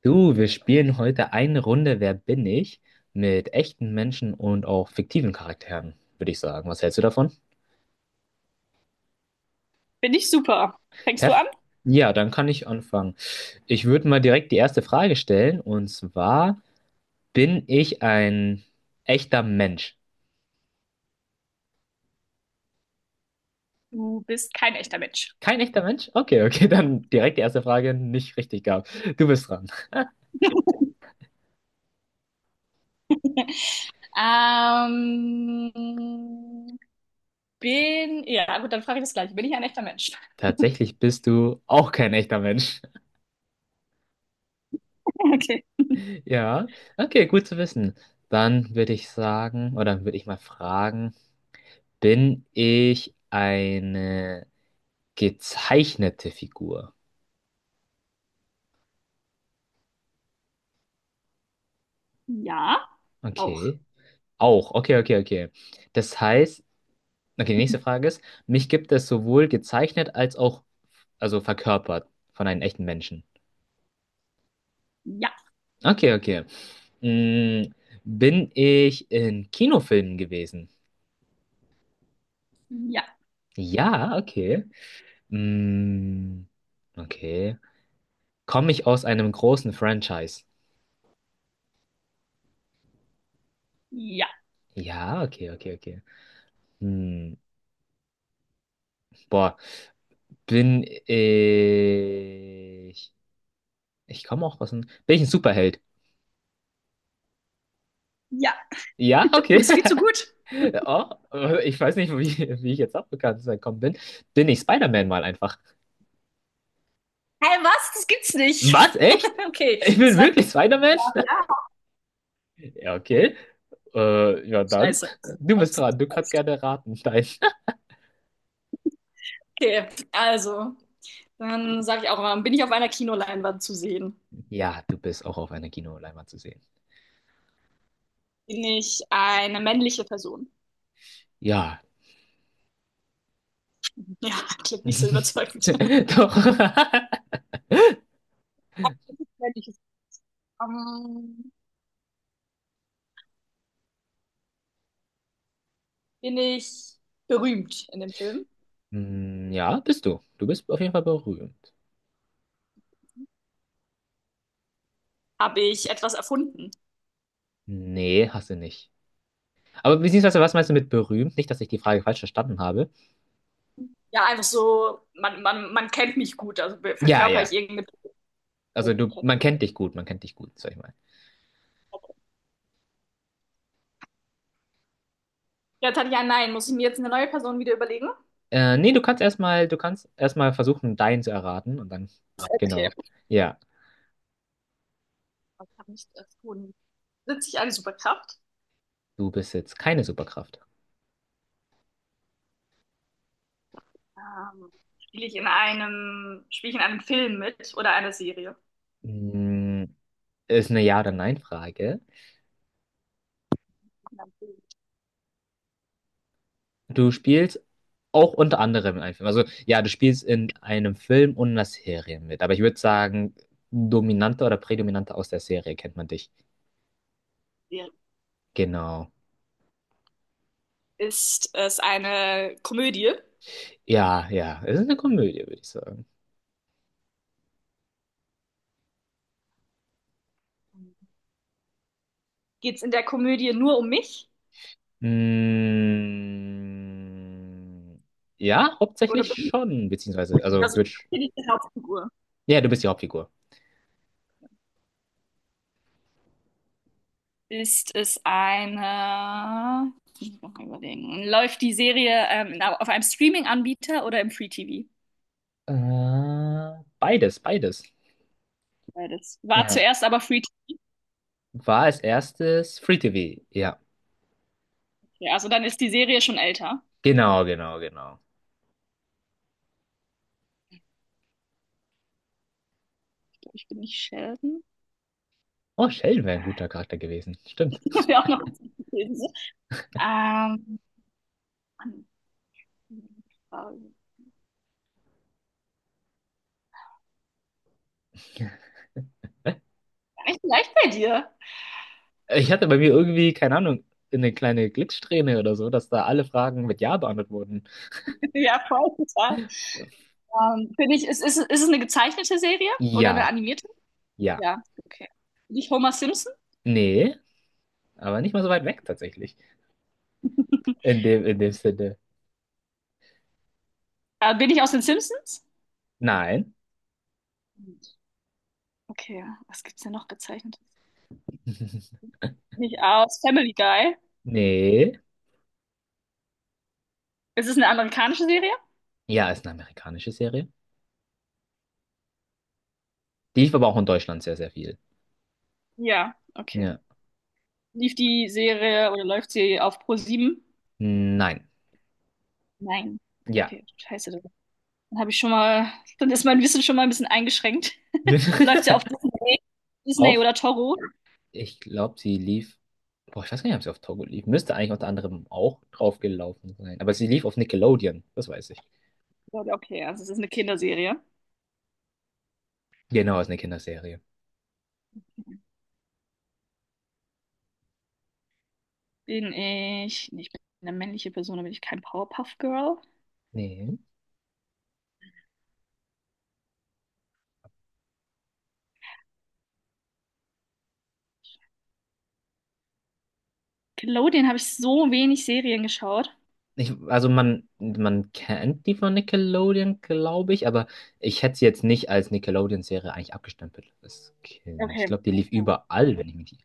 Du, wir spielen heute eine Runde Wer bin ich? Mit echten Menschen und auch fiktiven Charakteren, würde ich sagen. Was hältst du davon? Bin ich super. Fängst du Perf? an? Ja, dann kann ich anfangen. Ich würde mal direkt die erste Frage stellen und zwar, bin ich ein echter Mensch? Du bist kein echter Mensch. Kein echter Mensch? Okay, okay, dann direkt die erste Frage nicht richtig gab. Du bist dran. ähm, bin, ja, gut, dann frage ich das gleiche. Bin ich ein echter Mensch? Tatsächlich bist du auch kein echter Mensch. Okay. Ja, okay, gut zu wissen. Dann würde ich sagen, oder würde ich mal fragen, bin ich eine gezeichnete Figur? Ja, auch. Okay. Auch. Okay, okay, okay. Das heißt, okay, die nächste Frage ist, mich gibt es sowohl gezeichnet als auch, also verkörpert von einem echten Menschen. Ja, Okay, okay. Mm, bin ich in Kinofilmen gewesen? ja, Ja, okay. Mm, okay. Komme ich aus einem großen Franchise? ja, Ja, okay, okay, okay. Hm, boah. Bin ich. Ich komme auch aus dem. Bin ich ein Superheld? ja. Ja, Du okay. bist viel zu gut. Oh, ich weiß nicht, wie ich jetzt auf Bekanntes gekommen bin. Bin ich Spider-Man mal einfach? Hä, hey, was? Das gibt's nicht. Was? Echt? Okay, Ich das bin war. wirklich Spider-Man? Ja. Ja, okay. Ja, dann. Scheiße. Du bist dran. Du kannst gerne raten. Nein. Okay, also, dann sage ich auch mal, bin ich auf einer Kinoleinwand zu sehen? Ja, du bist auch auf einer Kinoleinwand zu sehen. Bin ich eine männliche Person? Ja. Ja, klingt nicht so überzeugend. Doch. Wenn ich es ähm, bin ich berühmt in dem Film? Hm, ja, bist du. Du bist auf jeden Fall berühmt. Habe ich etwas erfunden? Nee, hast du nicht. Aber beziehungsweise, was meinst du mit berühmt? Nicht, dass ich die Frage falsch verstanden habe. Ja, einfach so, man kennt mich gut, also be- Ja, verkörper ja. ich irgendeine Person, die man Also du, kennt. man Okay. kennt dich gut, man kennt dich gut, sag ich mal. Jetzt hatte ich ein Nein. Muss ich mir jetzt eine neue Person wieder überlegen? Nee, du kannst erstmal versuchen, deinen zu erraten und dann, Okay. genau. Ja, Was habe ich erfunden? Besitze ich eine Superkraft? du besitzt keine Superkraft. Ähm, spiele ich in einem Film mit oder einer Serie? Mm, Ist eine Ja- oder Nein-Frage. In einem Film. Du spielst auch unter anderem in einem Film. Also ja, du spielst in einem Film und einer Serie mit. Aber ich würde sagen, dominanter oder prädominanter aus der Serie kennt man dich. Serie. Genau. Ist es eine Komödie? Ja, ja. Es ist eine Komödie, würde ich sagen. Geht es in der Komödie nur um mich? Mm, ja, hauptsächlich Oder schon, beziehungsweise, also, also die Hauptfigur. ja, du bist die Hauptfigur. Ist es eine, ich muss mal überlegen, läuft die Serie auf einem Streaming-Anbieter oder im Free-TV? Beides, beides. Beides. War Ja. zuerst aber Free-TV, War als erstes Free TV. Ja. also dann ist die Serie schon älter. Genau, genau, genau. Ich bin nicht Sheldon. Oh, Sheldon wäre ein Ah, guter Charakter gewesen. Stimmt. das wäre auch noch gewesen. Ähm, Mann, gar nicht leicht bei dir. Ich hatte bei mir irgendwie, keine Ahnung, eine kleine Glückssträhne oder so, dass da alle Fragen mit Ja beantwortet wurden. Ja, voll, total. Ist es eine gezeichnete Serie oder eine Ja, animierte? ja. Ja, okay. Bin ich Homer Simpson? Nee, aber nicht mal so weit weg tatsächlich. In dem Sinne. Bin ich aus den Simpsons? Nein. Okay, was gibt's denn noch gezeichnetes? Nicht aus Family Guy. Nee. Ist es eine amerikanische Serie? Ja, ist eine amerikanische Serie. Die lief aber auch in Deutschland sehr, sehr viel. Ja, okay. Ja. Lief die Serie oder läuft sie auf Pro7? Nein. Nein. Ja. Okay, scheiße. Dann habe ich schon mal, dann ist mein Wissen schon mal ein bisschen eingeschränkt. Läuft sie auf Disney, Auf? oder Toro? Ich glaube, sie lief. Boah, ich weiß gar nicht, ob sie auf Togo lief. Müsste eigentlich unter anderem auch draufgelaufen sein. Aber sie lief auf Nickelodeon, das weiß ich. Ja, okay, also es ist eine Kinderserie. Genau, ist eine Kinderserie. Bin ich, nee, ich bin eine männliche Person, da bin ich kein Powerpuff Girl. Nee. Nickelodeon habe ich so wenig Serien geschaut. Ich, also man kennt die von Nickelodeon, glaube ich, aber ich hätte sie jetzt nicht als Nickelodeon-Serie eigentlich abgestempelt als Kind. Ich Okay, glaube, die lief okay. überall, wenn ich mich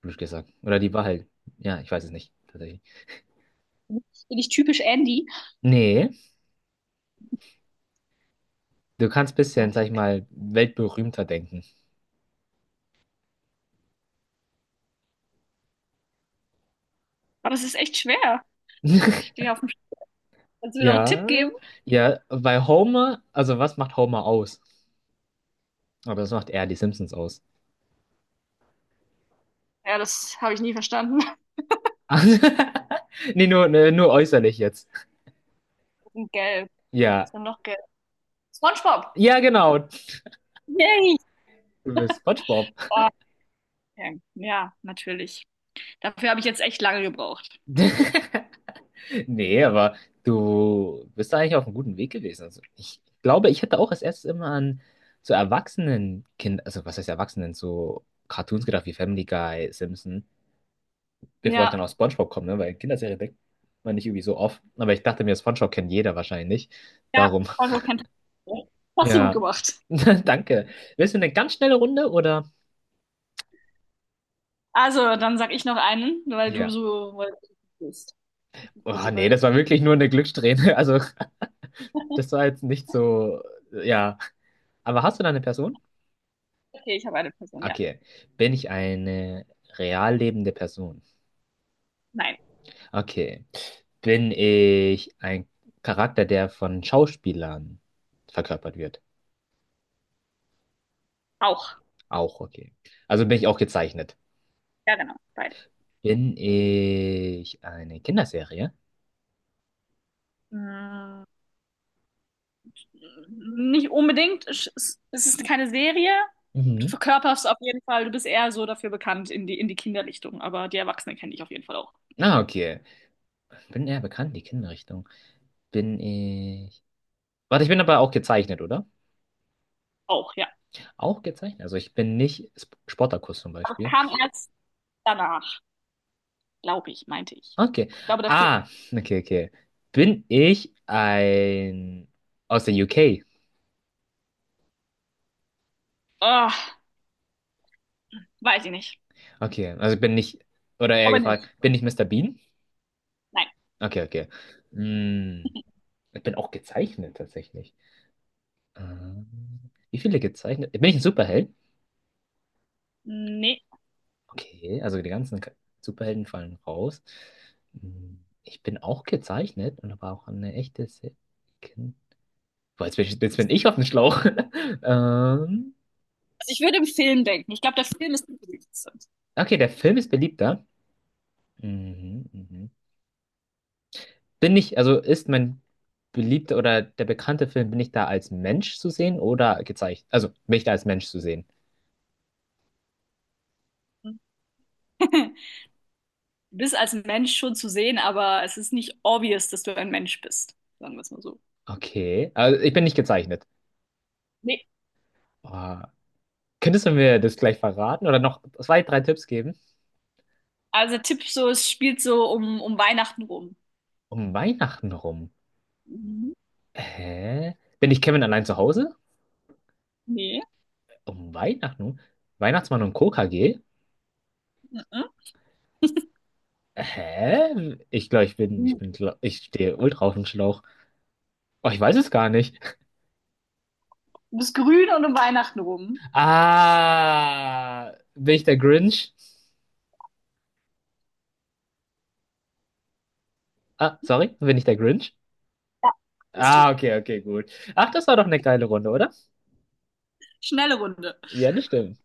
blöd gesagt. Oder die war halt, ja, ich weiß es nicht. Bin ich typisch Andy? Nee, du kannst Ja, bisschen, ich sag hab-. ich mal, weltberühmter denken. Aber es ist echt schwer. Stehe auf dem Sch-. Kannst du mir noch einen Tipp geben? Ja, ja, weil Homer, also was macht Homer aus? Aber das macht eher die Simpsons aus. Ja, das habe ich nie verstanden. Nee, ne, nur äußerlich jetzt. Und gelb. Was Ja. ist denn noch gelb? SpongeBob. Ja, genau. Yay. Du bist SpongeBob. Ah, okay. Ja, natürlich. Dafür habe ich jetzt echt lange gebraucht. Nee, aber du bist da eigentlich auf einem guten Weg gewesen. Also ich glaube, ich hätte auch als erstes immer an so Erwachsenen, Kind, also was heißt Erwachsenen, so Cartoons gedacht wie Family Guy, Simpson. Bevor ich Ja, dann auf SpongeBob komme, ne? Weil Kinderserie denkt man nicht irgendwie so oft. Aber ich dachte mir, SpongeBob kennt jeder wahrscheinlich. ja, Darum, SpongeBob kennt. Hast du gut ja. gemacht. Danke. Willst du eine ganz schnelle Runde oder? Also, dann sag ich noch einen, weil du Ja. so bist. Kurz Oh, nee, das war überlegen. wirklich nur eine Glückssträhne. Also, das war jetzt nicht so. Ja. Aber hast du da eine Person? Okay, ich habe eine Person, ja. Okay. Bin ich eine real lebende Person? Nein. Okay. Bin ich ein Charakter, der von Schauspielern verkörpert wird? Auch. Auch okay. Also bin ich auch gezeichnet. Ja, genau. Beide. Bin ich eine Kinderserie? Mm. Nicht unbedingt. Es Es ist keine Serie. Du Mhm. verkörperst auf jeden Fall, du bist eher so dafür bekannt in die Kinderrichtung, aber die Erwachsenen kenne ich auf jeden Fall auch. Ah, okay. Bin eher bekannt, die Kinderrichtung. Bin ich. Warte, ich bin aber auch gezeichnet, oder? Auch, ja. Auch gezeichnet. Also ich bin nicht Spartacus zum Aber es Beispiel. kam erst danach, glaube ich, meinte ich. Okay. Ich glaube, der Film. Ah, okay, okay. Bin ich ein. Aus der UK? Ah, weiß ich nicht. Okay, also ich bin nicht. Oder eher Aber gefragt, nicht. bin ich Mister Bean? Nein. Okay, okay. Hm, ich bin auch gezeichnet tatsächlich. Wie viele gezeichnet? Bin ich ein Superheld? Nee. Okay, also die ganzen Superhelden fallen raus. Hm, ich bin auch gezeichnet und aber auch eine echte Se Kind. Boah, jetzt bin ich auf dem Schlauch. ähm, Also ich würde im Film denken. Ich glaube, der Film ist interessant. okay, der Film ist beliebter. Mhm, mhm. Also ist mein beliebter oder der bekannte Film, bin ich da als Mensch zu sehen oder gezeichnet? Also bin ich da als Mensch zu sehen? Du bist als Mensch schon zu sehen, aber es ist nicht obvious, dass du ein Mensch bist. Sagen wir es mal so. Okay, also ich bin nicht gezeichnet. Nee. Oh, könntest du mir das gleich verraten oder noch zwei, drei Tipps geben? Also der Tipp so, es spielt so um Weihnachten rum. Um Weihnachten rum. Mhm. Hä? Bin ich Kevin allein zu Hause? Nee. Um Weihnachten? Weihnachtsmann und Coca-G? Mhm. Hä? Ich glaube, ich Grün. bin, ich stehe ultra auf dem Schlauch. Oh, ich weiß es gar nicht. Du bist grün und um Weihnachten rum. Ah, bin ich der Grinch? Ah, sorry, bin ich der Grinch? Ja. Bist Ah, du. okay, okay, gut. Ach, das war doch eine geile Runde, oder? Schnelle Runde. Ja, das stimmt.